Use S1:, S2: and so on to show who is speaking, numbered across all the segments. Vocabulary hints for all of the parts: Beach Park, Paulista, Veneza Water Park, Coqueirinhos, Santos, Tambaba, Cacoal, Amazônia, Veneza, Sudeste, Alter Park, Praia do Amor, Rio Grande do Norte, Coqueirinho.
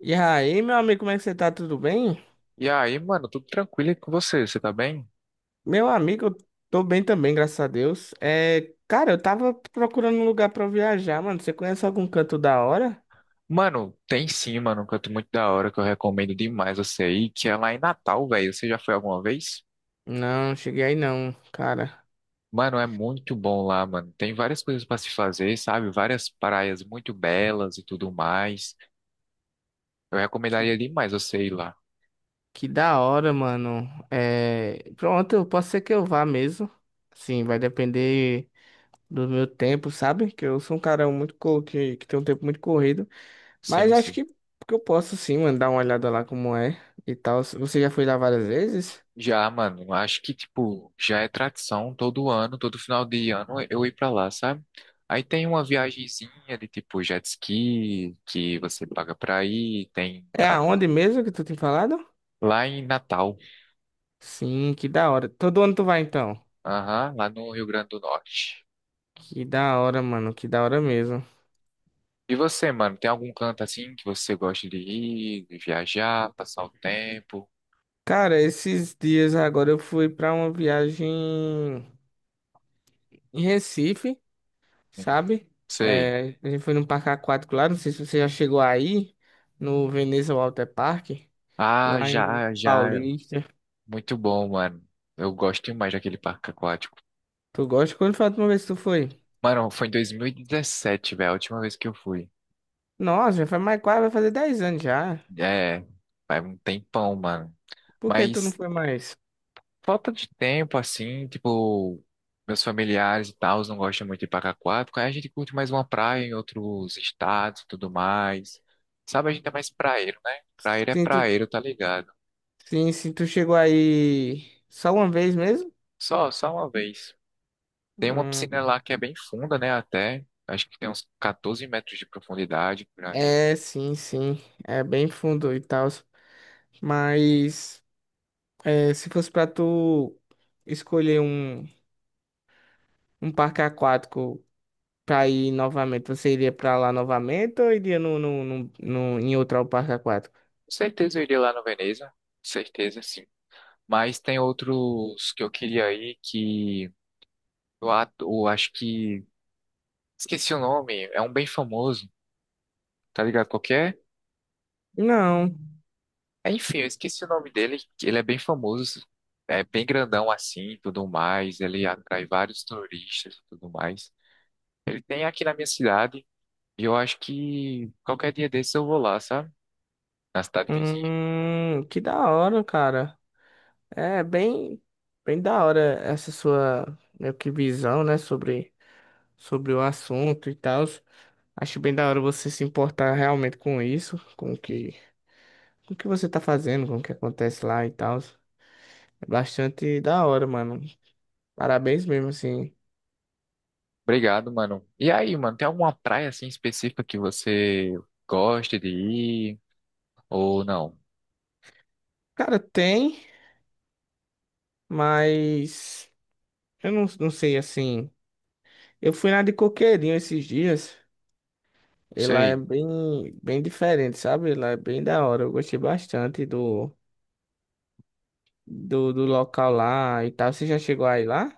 S1: E aí, meu amigo, como é que você tá? Tudo bem?
S2: E aí, mano, tudo tranquilo aí com você? Você tá bem?
S1: Meu amigo, eu tô bem também, graças a Deus. É, cara, eu tava procurando um lugar pra eu viajar, mano. Você conhece algum canto da hora?
S2: Mano, tem sim, mano, um canto muito da hora que eu recomendo demais você ir, que é lá em Natal, velho. Você já foi alguma vez?
S1: Não, cheguei aí não, cara.
S2: Mano, é muito bom lá, mano. Tem várias coisas pra se fazer, sabe? Várias praias muito belas e tudo mais. Eu
S1: Que,
S2: recomendaria demais você ir lá.
S1: que da hora, mano. É, pronto, eu posso ser que eu vá mesmo. Sim, vai depender do meu tempo, sabe? Que eu sou um cara muito que tem um tempo muito corrido. Mas
S2: Sim,
S1: acho
S2: sim.
S1: que eu posso sim, mano, dar uma olhada lá como é e tal. Você já foi lá várias vezes?
S2: Já, mano, acho que, tipo, já é tradição todo ano, todo final de ano eu ir pra lá, sabe? Aí tem uma viagenzinha de, tipo, jet ski, que você paga pra ir, tem
S1: É
S2: pra...
S1: aonde mesmo que tu tem falado?
S2: lá em Natal,
S1: Sim, que da hora. Todo ano tu vai então?
S2: aham, lá no Rio Grande do Norte.
S1: Que da hora, mano, que da hora mesmo.
S2: E você, mano, tem algum canto assim que você gosta de ir, de viajar, passar o tempo?
S1: Cara, esses dias agora eu fui pra uma viagem em Recife,
S2: Hum.
S1: sabe?
S2: Sei.
S1: É, a gente foi num parque aquático lá, não sei se você já chegou aí, no Veneza Water Park,
S2: Ah,
S1: lá em
S2: já, já.
S1: Paulista.
S2: Muito bom, mano. Eu gosto demais daquele parque aquático.
S1: Tu gosta? Quando foi a última vez que tu foi?
S2: Mano, foi em 2017, velho, a última vez que eu fui.
S1: Nossa, já faz mais quase, vai fazer 10 anos já.
S2: É, faz um tempão, mano.
S1: Por que tu não
S2: Mas
S1: foi mais?
S2: falta de tempo, assim, tipo, meus familiares e tal não gostam muito de ir pra Cacoal, porque aí a gente curte mais uma praia em outros estados e tudo mais. Sabe, a gente é mais praeiro, né? Praeiro é
S1: Sim,
S2: praeiro, tá ligado?
S1: sim, tu chegou aí só uma vez mesmo?
S2: Só, só uma vez. Tem uma piscina
S1: Hum,
S2: lá que é bem funda, né, até. Acho que tem uns 14 metros de profundidade por aí.
S1: é, sim, sim. É bem fundo e tal. Mas é, se fosse pra tu escolher um, um parque aquático pra ir novamente, você iria pra lá novamente ou iria no em outro parque aquático?
S2: Com certeza eu iria lá no Veneza, com certeza sim. Mas tem outros que eu queria ir que o ato, acho que. Esqueci o nome, é um bem famoso, tá ligado? Qualquer.
S1: Não.
S2: Enfim, eu esqueci o nome dele, que ele é bem famoso, é bem grandão assim e tudo mais. Ele atrai vários turistas e tudo mais. Ele tem aqui na minha cidade, e eu acho que qualquer dia desses eu vou lá, sabe? Na cidade vizinha.
S1: Que da hora, cara. É bem, bem da hora essa sua meio que visão, né, sobre, sobre o assunto e tal. Acho bem da hora você se importar realmente com isso, com o que você tá fazendo, com o que acontece lá e tal. É bastante da hora, mano. Parabéns mesmo, assim.
S2: Obrigado, mano. E aí, mano, tem alguma praia assim específica que você gosta de ir? Ou não? Não.
S1: Cara, tem, mas eu não sei, assim. Eu fui na de Coqueirinho esses dias. Ela é
S2: Sei.
S1: bem, bem diferente, sabe? Ela é bem da hora. Eu gostei bastante do local lá e tal. Você já chegou aí lá?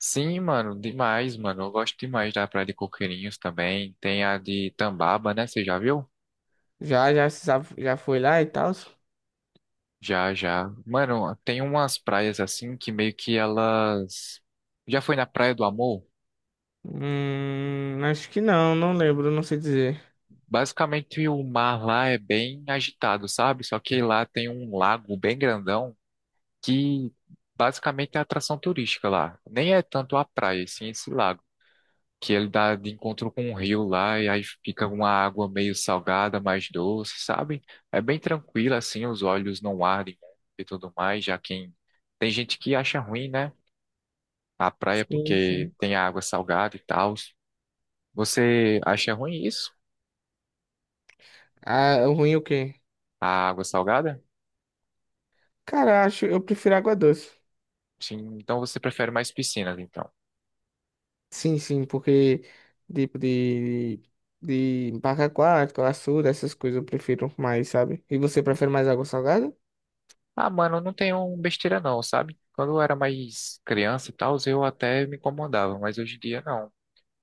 S2: Sim, mano, demais, mano. Eu gosto demais da Praia de Coqueirinhos também. Tem a de Tambaba, né? Você já viu?
S1: Já, já, já foi lá e tal?
S2: Já, já. Mano, tem umas praias assim que meio que elas. Já foi na Praia do Amor?
S1: Acho que não, não lembro, não sei dizer.
S2: Basicamente o mar lá é bem agitado, sabe? Só que lá tem um lago bem grandão que basicamente é atração turística lá. Nem é tanto a praia, sim, esse lago. Que ele dá de encontro com um rio lá e aí fica uma água meio salgada, mais doce, sabe? É bem tranquilo assim, os olhos não ardem e tudo mais, já quem tem gente que acha ruim, né? A praia
S1: Sim,
S2: porque
S1: sim.
S2: tem a água salgada e tal. Você acha ruim isso?
S1: Ah, o ruim é o quê?
S2: A água salgada?
S1: Cara, acho, eu prefiro água doce.
S2: Sim, então você prefere mais piscinas, então.
S1: Sim, sim, porque tipo de barra aquática, açude, essas coisas eu prefiro mais, sabe? E você prefere mais água salgada?
S2: Ah, mano, não tem um besteira não, sabe? Quando eu era mais criança e tal, eu até me incomodava, mas hoje em dia não.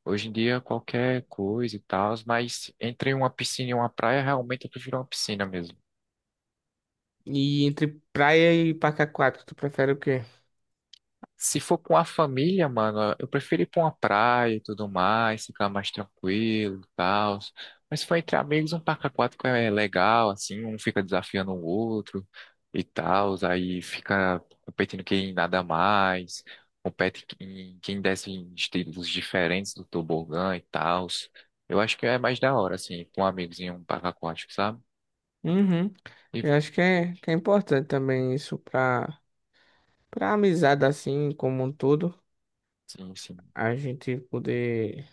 S2: Hoje em dia, qualquer coisa e tal, mas entre uma piscina e uma praia, realmente eu prefiro uma piscina mesmo.
S1: E entre praia e parque aquático, tu prefere o quê?
S2: Se for com a família, mano, eu prefiro ir pra uma praia e tudo mais, ficar mais tranquilo e tal. Mas se for entre amigos, um parque aquático é legal, assim, um fica desafiando o outro e tal, aí fica competindo quem nada mais, compete quem, quem desce em estilos diferentes do tobogã e tal. Eu acho que é mais da hora, assim, com amigos em um parque aquático, sabe?
S1: Uhum.
S2: E
S1: Eu acho que é importante também isso pra amizade assim, como um todo,
S2: sim, sim.
S1: a gente poder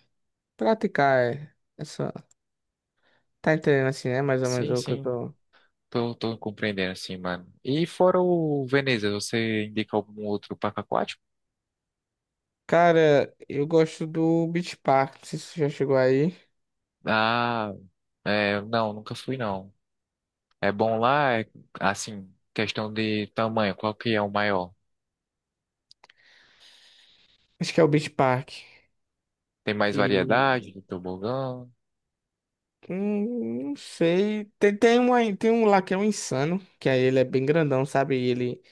S1: praticar essa. Tá entendendo assim, né? Mais ou menos
S2: Sim,
S1: o que eu
S2: sim.
S1: tô.
S2: Tô compreendendo, assim mano. E fora o Veneza, você indica algum outro parque aquático?
S1: Cara, eu gosto do Beach Park. Não sei se você já chegou aí.
S2: Ah, é, não, nunca fui, não. É bom lá, é, assim, questão de tamanho, qual que é o maior?
S1: Acho que é o Beach Park.
S2: Tem mais
S1: E
S2: variedade de tobogã.
S1: não sei. Tem um lá que é um insano, que aí ele é bem grandão, sabe? E ele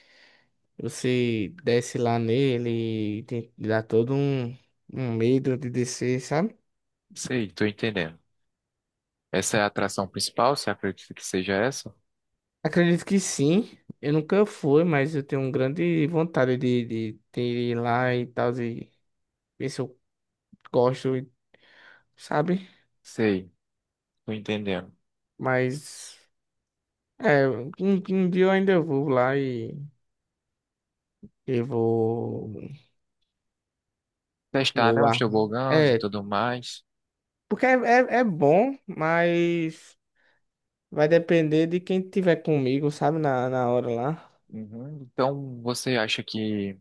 S1: você desce lá nele e tem, dá todo um medo de descer, sabe?
S2: Sei, tô entendendo. Essa é a atração principal, você acredita que seja essa?
S1: Acredito que sim. Eu nunca fui, mas eu tenho um grande vontade de ir lá e tal, e ver se eu gosto, sabe?
S2: Sei, tô entendendo.
S1: Mas. É, um dia eu ainda vou lá e vou,
S2: Testar, né,
S1: vou
S2: os
S1: armar.
S2: tobogãs e
S1: É,
S2: tudo mais.
S1: porque é bom, mas vai depender de quem tiver comigo, sabe, na hora lá.
S2: Uhum. Então, você acha que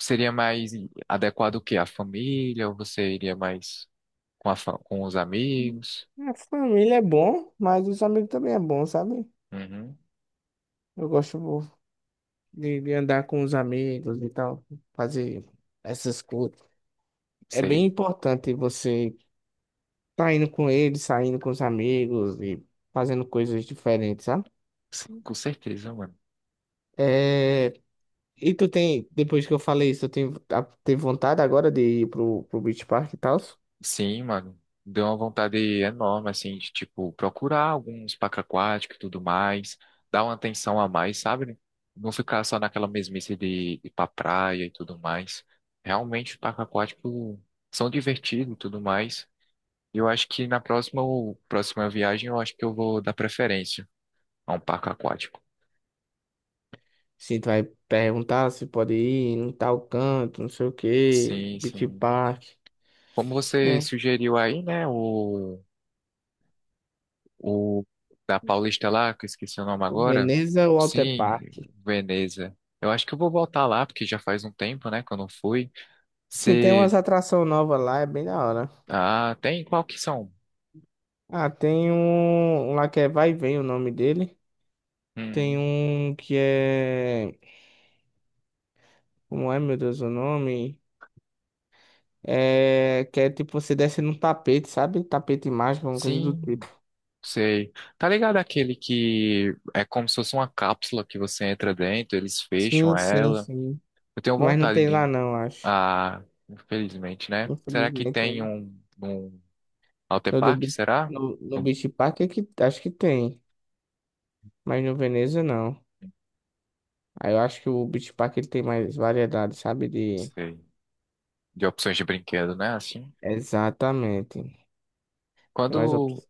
S2: seria mais adequado o quê? A família? Ou você iria mais com, a fa- com os amigos?
S1: A família é bom, mas os amigos também é bom, sabe?
S2: Uhum.
S1: Eu gosto de andar com os amigos e tal, fazer essas coisas. É bem
S2: Sei.
S1: importante você tá indo com eles, saindo com os amigos e fazendo coisas diferentes, sabe?
S2: Sim, com certeza, mano.
S1: É. E tu tem, depois que eu falei isso, tu tem, tem vontade agora de ir pro, Beach Park e tal?
S2: Sim, mano. Deu uma vontade enorme, assim, de, tipo, procurar alguns parques aquáticos e tudo mais. Dar uma atenção a mais, sabe? Não ficar só naquela mesmice de ir pra praia e tudo mais. Realmente, os parques aquáticos são divertidos e tudo mais. E eu acho que na próxima viagem, eu acho que eu vou dar preferência a um parque aquático.
S1: Sim, tu vai perguntar se pode ir em tal canto, não sei o quê,
S2: Sim,
S1: Beach
S2: sim.
S1: Park,
S2: Como você
S1: é
S2: sugeriu aí, né? O da Paulista lá, que eu esqueci o nome
S1: o
S2: agora.
S1: Veneza ou Alter
S2: Sim,
S1: Park.
S2: Veneza. Eu acho que eu vou voltar lá, porque já faz um tempo, né, que eu não fui.
S1: Sim, tem
S2: Você.
S1: umas atrações novas lá, é bem da hora.
S2: Ah, tem qual que são?
S1: Ah, tem um lá que é Vai e Vem o nome dele. Tem
S2: Hum,
S1: um que é. Como é, meu Deus, o nome? É. Que é tipo você desce num tapete, sabe? Tapete mágico, uma coisa do tipo.
S2: sim, sei. Tá ligado aquele que é como se fosse uma cápsula que você entra dentro, eles fecham
S1: Sim, sim,
S2: ela.
S1: sim.
S2: Eu tenho
S1: Mas não
S2: vontade
S1: tem
S2: de.
S1: lá não, acho.
S2: Ah, infelizmente, né? Será que
S1: Infelizmente,
S2: tem
S1: né?
S2: um. Um Alter
S1: No, do,
S2: Park,
S1: Be-
S2: será?
S1: no, no
S2: Não
S1: Beach Park é que, acho que tem. Mas no Veneza não. Aí eu acho que o Beach Park ele tem mais variedade, sabe? De...
S2: sei. De opções de brinquedo, né? Assim.
S1: Exatamente. Tem mais
S2: Quando,
S1: opções.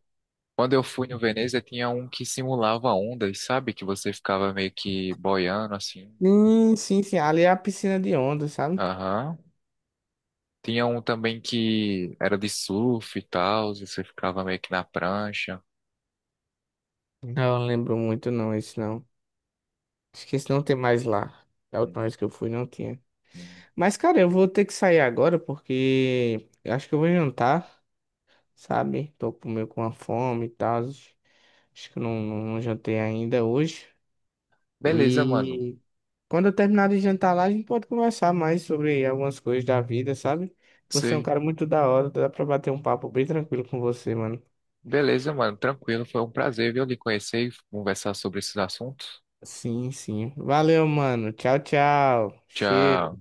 S2: quando eu fui no Veneza, tinha um que simulava ondas, sabe? Que você ficava meio que boiando, assim.
S1: Sim, sim, sim. Ali é a piscina de onda, sabe?
S2: Aham. Tinha um também que era de surf e tal, e você ficava meio que na prancha.
S1: Não, lembro muito não, esse não. Acho que esse não tem mais lá. Da
S2: Uhum.
S1: última vez que eu fui não tinha.
S2: Uhum.
S1: Mas, cara, eu vou ter que sair agora porque eu acho que eu vou jantar. Sabe? Tô meio com uma fome e tal. Acho que eu não jantei ainda hoje.
S2: Beleza, mano.
S1: E quando eu terminar de jantar lá, a gente pode conversar mais sobre algumas coisas da vida, sabe? Você é um
S2: Sei.
S1: cara muito da hora, dá pra bater um papo bem tranquilo com você, mano.
S2: Beleza, mano. Tranquilo. Foi um prazer, viu, lhe conhecer e conversar sobre esses assuntos.
S1: Sim, sim. Valeu, mano. Tchau, tchau. Cheiro.
S2: Tchau.